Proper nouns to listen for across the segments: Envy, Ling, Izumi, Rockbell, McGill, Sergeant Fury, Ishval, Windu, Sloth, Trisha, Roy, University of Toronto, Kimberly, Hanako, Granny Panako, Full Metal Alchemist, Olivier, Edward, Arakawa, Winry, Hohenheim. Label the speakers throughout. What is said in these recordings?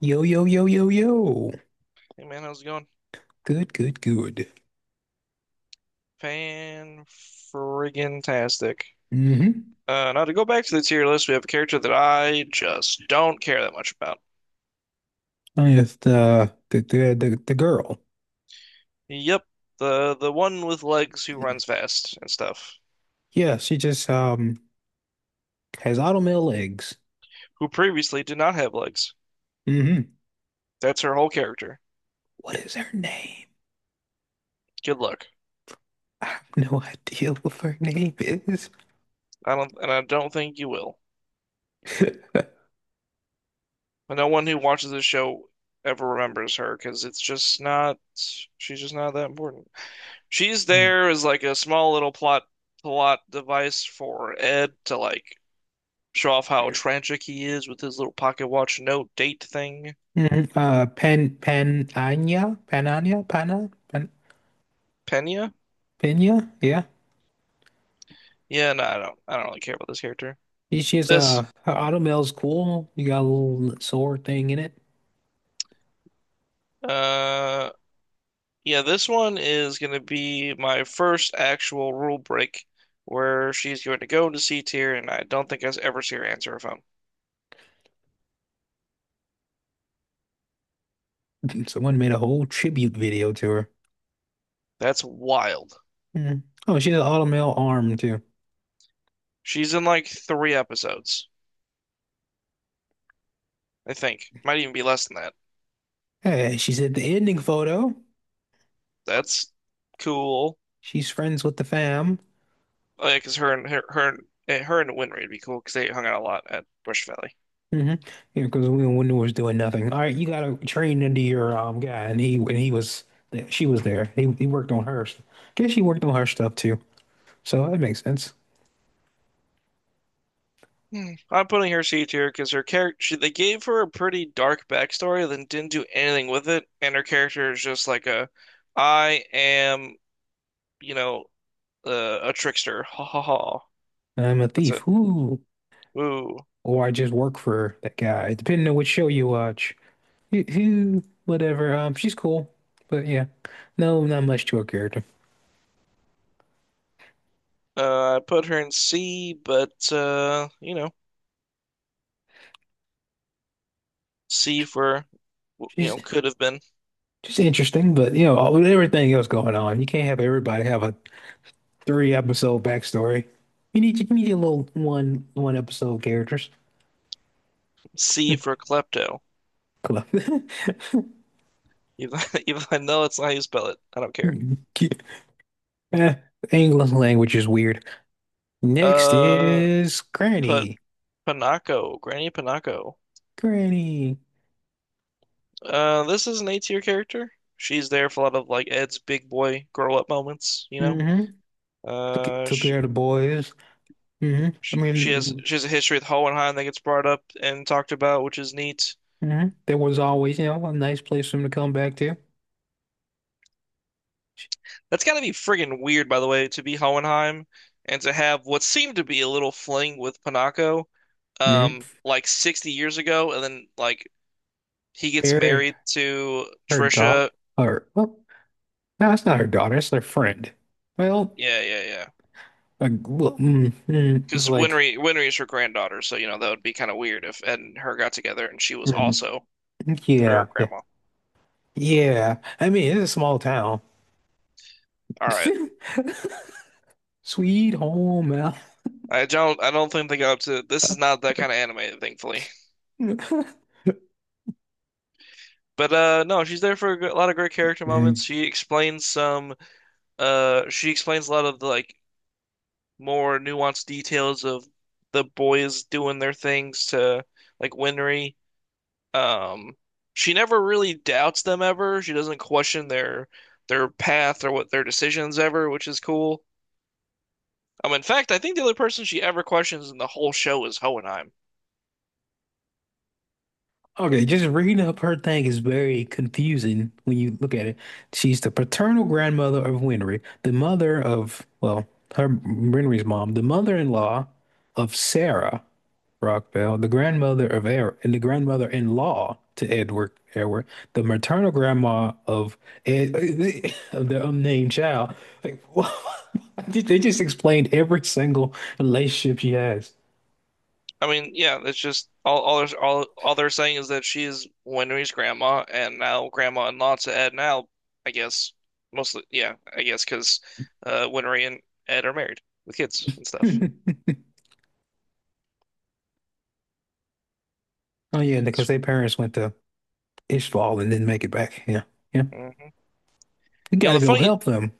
Speaker 1: Yo, yo, yo, yo, yo.
Speaker 2: Hey, man, how's it going?
Speaker 1: Good, good, good.
Speaker 2: Fan friggin' tastic.
Speaker 1: Mm-hmm.
Speaker 2: Now to go back to the tier list, we have a character that I just don't care that much about.
Speaker 1: With the girl.
Speaker 2: Yep, the one with legs who runs fast and stuff,
Speaker 1: Yeah, she just has automail legs.
Speaker 2: who previously did not have legs.
Speaker 1: Mm-hmm.
Speaker 2: That's her whole character.
Speaker 1: What is her name?
Speaker 2: Good luck.
Speaker 1: I have no idea what her name is.
Speaker 2: I don't, and I don't think you will. But no one who watches this show ever remembers her because it's just not. She's just not that important. She's
Speaker 1: Mm.
Speaker 2: there as like a small little plot device for Ed to like show off how tragic he is with his little pocket watch note date thing.
Speaker 1: Mhm. Penania, Panania, Pana, Pen
Speaker 2: Pena?
Speaker 1: Pena. Yeah,
Speaker 2: Yeah, no, I don't really care about this character.
Speaker 1: she has
Speaker 2: This
Speaker 1: her automail's cool. You got a little sword thing in it.
Speaker 2: uh yeah, this one is gonna be my first actual rule break where she's going to go into C tier and I don't think I ever see her answer her phone.
Speaker 1: Someone made a whole tribute video to her.
Speaker 2: That's wild.
Speaker 1: Mm. Oh, she has an auto male arm too.
Speaker 2: She's in like three episodes, I think. Might even be less than that.
Speaker 1: Hey, she's at the ending photo.
Speaker 2: That's cool.
Speaker 1: She's friends with the fam.
Speaker 2: Oh, yeah, cause her and her her and, eh, her and Winry would be cool because they hung out a lot at Bush Valley.
Speaker 1: Mm hmm. Yeah, because we Windu was doing nothing. All right, you got to train into your guy, and he was she was there. He worked on her. Guess she worked on her stuff too. So that makes sense.
Speaker 2: Hmm. I'm putting her C tier because her character they gave her a pretty dark backstory, then didn't do anything with it, and her character is just like a, I am, you know, a trickster. Ha ha ha.
Speaker 1: I'm a
Speaker 2: That's it.
Speaker 1: thief. Ooh,
Speaker 2: Ooh.
Speaker 1: or I just work for that guy. Depending on which show you watch. Whatever. She's cool, but yeah, no, not much to her character.
Speaker 2: I put her in C, but C for
Speaker 1: She's
Speaker 2: could have been
Speaker 1: Just interesting, but you know, with everything else going on, you can't have everybody have a three episode backstory. You need your little one episode characters.
Speaker 2: C for klepto.
Speaker 1: Cool.
Speaker 2: Even even though I know it's not how you spell it. I don't care.
Speaker 1: Eh, English language is weird. Next
Speaker 2: Uh,
Speaker 1: is
Speaker 2: Put
Speaker 1: Granny.
Speaker 2: Panako, Granny Panako.
Speaker 1: Granny.
Speaker 2: This is an A tier character. She's there for a lot of like Ed's big boy grow up moments, you know.
Speaker 1: Hmm. Took,
Speaker 2: Uh,
Speaker 1: took
Speaker 2: she,
Speaker 1: care of the boys. Hmm. I
Speaker 2: she, she has
Speaker 1: mean,
Speaker 2: she has a history with Hohenheim that gets brought up and talked about, which is neat.
Speaker 1: mhm. There was always, you know, a nice place for them to come back to.
Speaker 2: That's gotta be friggin' weird, by the way, to be Hohenheim and to have what seemed to be a little fling with Panako,
Speaker 1: Hmm.
Speaker 2: like 60 years ago, and then like he gets
Speaker 1: Bury
Speaker 2: married to
Speaker 1: her dog.
Speaker 2: Trisha.
Speaker 1: Her, what? No, that's not her daughter. It's their friend. Well,
Speaker 2: Yeah, yeah, yeah.
Speaker 1: like, well, it's
Speaker 2: Because
Speaker 1: like,
Speaker 2: Winry is her granddaughter, so you know that would be kind of weird if Ed and her got together and she was
Speaker 1: mm,
Speaker 2: also their
Speaker 1: yeah, yeah,
Speaker 2: grandma.
Speaker 1: yeah. I mean, it's a small town.
Speaker 2: All right.
Speaker 1: Sweet home, Al.
Speaker 2: I don't think they go up to. This is not that kind of anime, thankfully. But no, she's there for a lot of great character moments.
Speaker 1: Mm.
Speaker 2: She explains some. She explains a lot of the like more nuanced details of the boys doing their things to like Winry. Um, she never really doubts them ever. She doesn't question their path or what their decisions ever, which is cool. In fact, I think the only person she ever questions in the whole show is Hohenheim.
Speaker 1: Okay, just reading up her thing is very confusing when you look at it. She's the paternal grandmother of Winry, the mother of, well, her Winry's mom, the mother-in-law of Sarah, Rockbell, the grandmother of and the grandmother-in-law to Edward, the maternal grandma of Ed of the unnamed child. Like, they just explained every single relationship she has.
Speaker 2: I mean, yeah, it's just all they're saying is that she is Winry's grandma, and now grandma and Lot's of Ed now, I guess. Mostly, yeah, I guess because Winry and Ed are married with kids and stuff.
Speaker 1: Oh yeah, because their parents went to Ishval and didn't make it back. Yeah, yeah.
Speaker 2: Hmm.
Speaker 1: We
Speaker 2: You know
Speaker 1: gotta
Speaker 2: the
Speaker 1: go
Speaker 2: funny, you
Speaker 1: help them.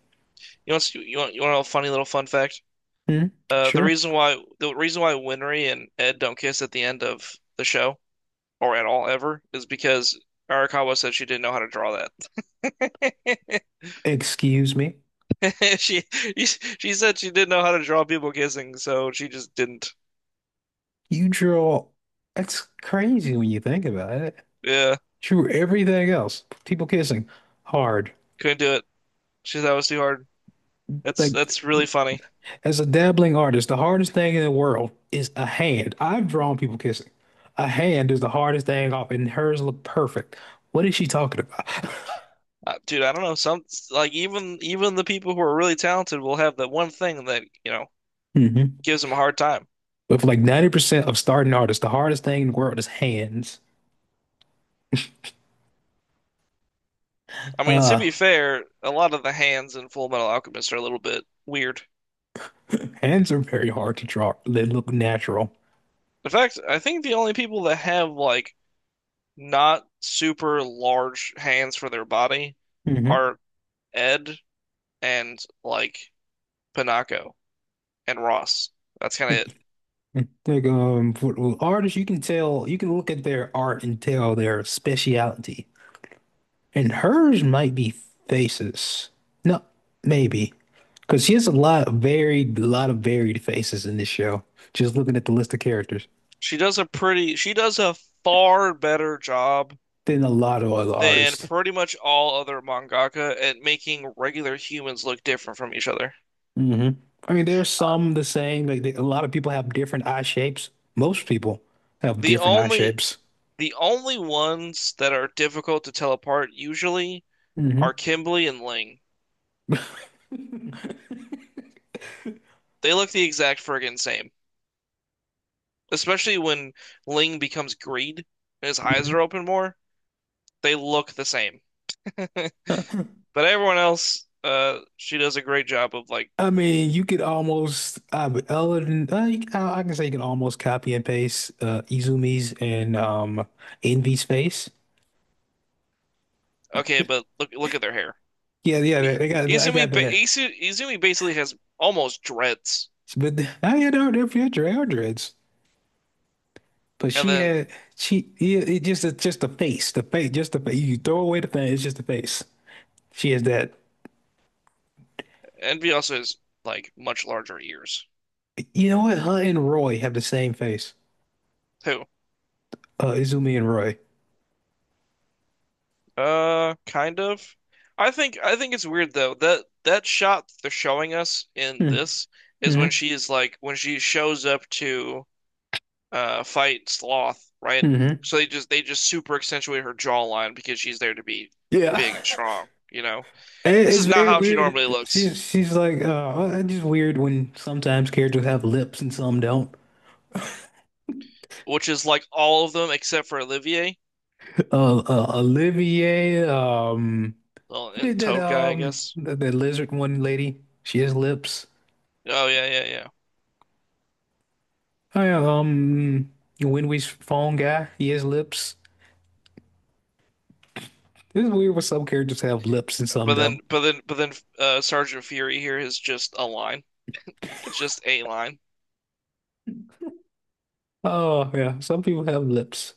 Speaker 2: know, what's- You want to know a funny little fun fact?
Speaker 1: Hmm.
Speaker 2: Uh, the
Speaker 1: Sure.
Speaker 2: reason why the reason why Winry and Ed don't kiss at the end of the show or at all ever is because Arakawa said she didn't know how to draw that.
Speaker 1: Excuse me.
Speaker 2: She she said she didn't know how to draw people kissing, so she just didn't.
Speaker 1: You draw. That's crazy when you think about it.
Speaker 2: Yeah,
Speaker 1: Drew everything else. People kissing hard.
Speaker 2: couldn't do it. She thought it was too hard. That's
Speaker 1: Like
Speaker 2: that's really funny.
Speaker 1: as a dabbling artist, the hardest thing in the world is a hand. I've drawn people kissing. A hand is the hardest thing off, and hers look perfect. What is she talking about?
Speaker 2: Dude, I don't know. Some like even the people who are really talented will have that one thing that
Speaker 1: Hmm.
Speaker 2: gives them a hard time.
Speaker 1: But for like 90% of starting artists, the hardest thing in the world is hands.
Speaker 2: I mean, to
Speaker 1: Uh,
Speaker 2: be fair, a lot of the hands in Full Metal Alchemist are a little bit weird.
Speaker 1: Hands are very hard to draw. They look natural.
Speaker 2: In fact, I think the only people that have like not super large hands for their body
Speaker 1: Hmm.
Speaker 2: are Ed and like Panako. And Ross. That's kind of it.
Speaker 1: Like for artists, you can tell, you can look at their art and tell their speciality. And hers might be faces. No, maybe. Because she has a lot of varied, a lot of varied faces in this show. Just looking at the list of characters,
Speaker 2: She does a pretty, she does a far better job
Speaker 1: then a lot of other
Speaker 2: than
Speaker 1: artists.
Speaker 2: pretty much all other mangaka at making regular humans look different from each other.
Speaker 1: Hmm. I mean, there's some the same. Like they, a lot of people have different eye shapes. Most people have
Speaker 2: The
Speaker 1: different eye
Speaker 2: only
Speaker 1: shapes.
Speaker 2: the only ones that are difficult to tell apart usually
Speaker 1: Hmm.
Speaker 2: are Kimberly and Ling.
Speaker 1: Hmm.
Speaker 2: They look the exact friggin' same. Especially when Ling becomes Greed and his eyes are open more, they look the same. But everyone else, she does a great job of like,
Speaker 1: I mean, you could almost, but other than, I can say you can almost copy and paste Izumi's and Envy's face.
Speaker 2: okay, but look at their hair.
Speaker 1: Yeah, yeah,
Speaker 2: I-
Speaker 1: they got, I
Speaker 2: Izumi
Speaker 1: got the
Speaker 2: ba
Speaker 1: hair.
Speaker 2: Izumi basically has almost dreads,
Speaker 1: But I had her there for your dreads. But
Speaker 2: and
Speaker 1: she
Speaker 2: then
Speaker 1: had she yeah, it just it's just the face, just the face. You throw away the face, it's just the face. She has that.
Speaker 2: Envy also has like much larger ears
Speaker 1: You know what? Her and Roy have the same face.
Speaker 2: too.
Speaker 1: Izumi and Roy.
Speaker 2: Kind of. I think it's weird though that that shot they're showing us in
Speaker 1: Hmm.
Speaker 2: this is when
Speaker 1: Mm-hmm.
Speaker 2: she is like when she shows up to fight Sloth, right?
Speaker 1: Mm-hmm.
Speaker 2: So they just super accentuate her jawline because she's there to be
Speaker 1: Yeah.
Speaker 2: big and strong, you know?
Speaker 1: And
Speaker 2: This
Speaker 1: it's
Speaker 2: is not
Speaker 1: very
Speaker 2: how she normally
Speaker 1: weird.
Speaker 2: looks,
Speaker 1: She's like it's just weird when sometimes characters have lips and some don't.
Speaker 2: which is like all of them except for Olivier.
Speaker 1: Olivier,
Speaker 2: Well,
Speaker 1: I mean
Speaker 2: and Toad guy, I guess.
Speaker 1: that, that lizard one lady, she has lips.
Speaker 2: Oh, yeah, yeah, yeah.
Speaker 1: Hi, when we phone guy, he has lips. This is weird. What some characters have lips and some
Speaker 2: But
Speaker 1: don't.
Speaker 2: then, but then, but then, Sergeant Fury here is just a line. It's just a line.
Speaker 1: Oh yeah, some people have lips.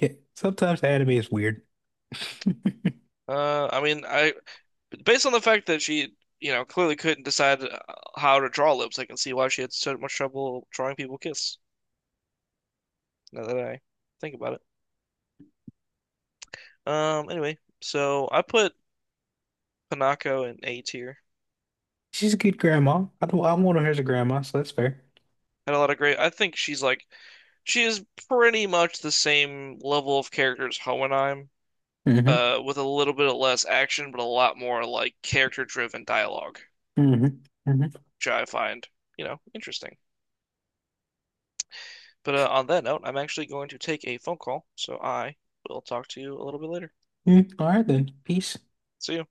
Speaker 1: Yeah, sometimes anime is weird.
Speaker 2: I mean, I based on the fact that she clearly couldn't decide how to draw lips, I can see why she had so much trouble drawing people kiss. Now that I think about it. Anyway, so I put Hanako in A tier.
Speaker 1: She's a good grandma. I don't. I want her as a grandma, so that's fair.
Speaker 2: Had a lot of great. I think she is pretty much the same level of character as Hohenheim
Speaker 1: Mm-hmm.
Speaker 2: with a little bit of less action, but a lot more like character-driven dialogue,
Speaker 1: Mm-hmm. Mm-hmm.
Speaker 2: which I find interesting. But on that note, I'm actually going to take a phone call, so I will talk to you a little bit later.
Speaker 1: Mm, all right then. Peace.
Speaker 2: See you.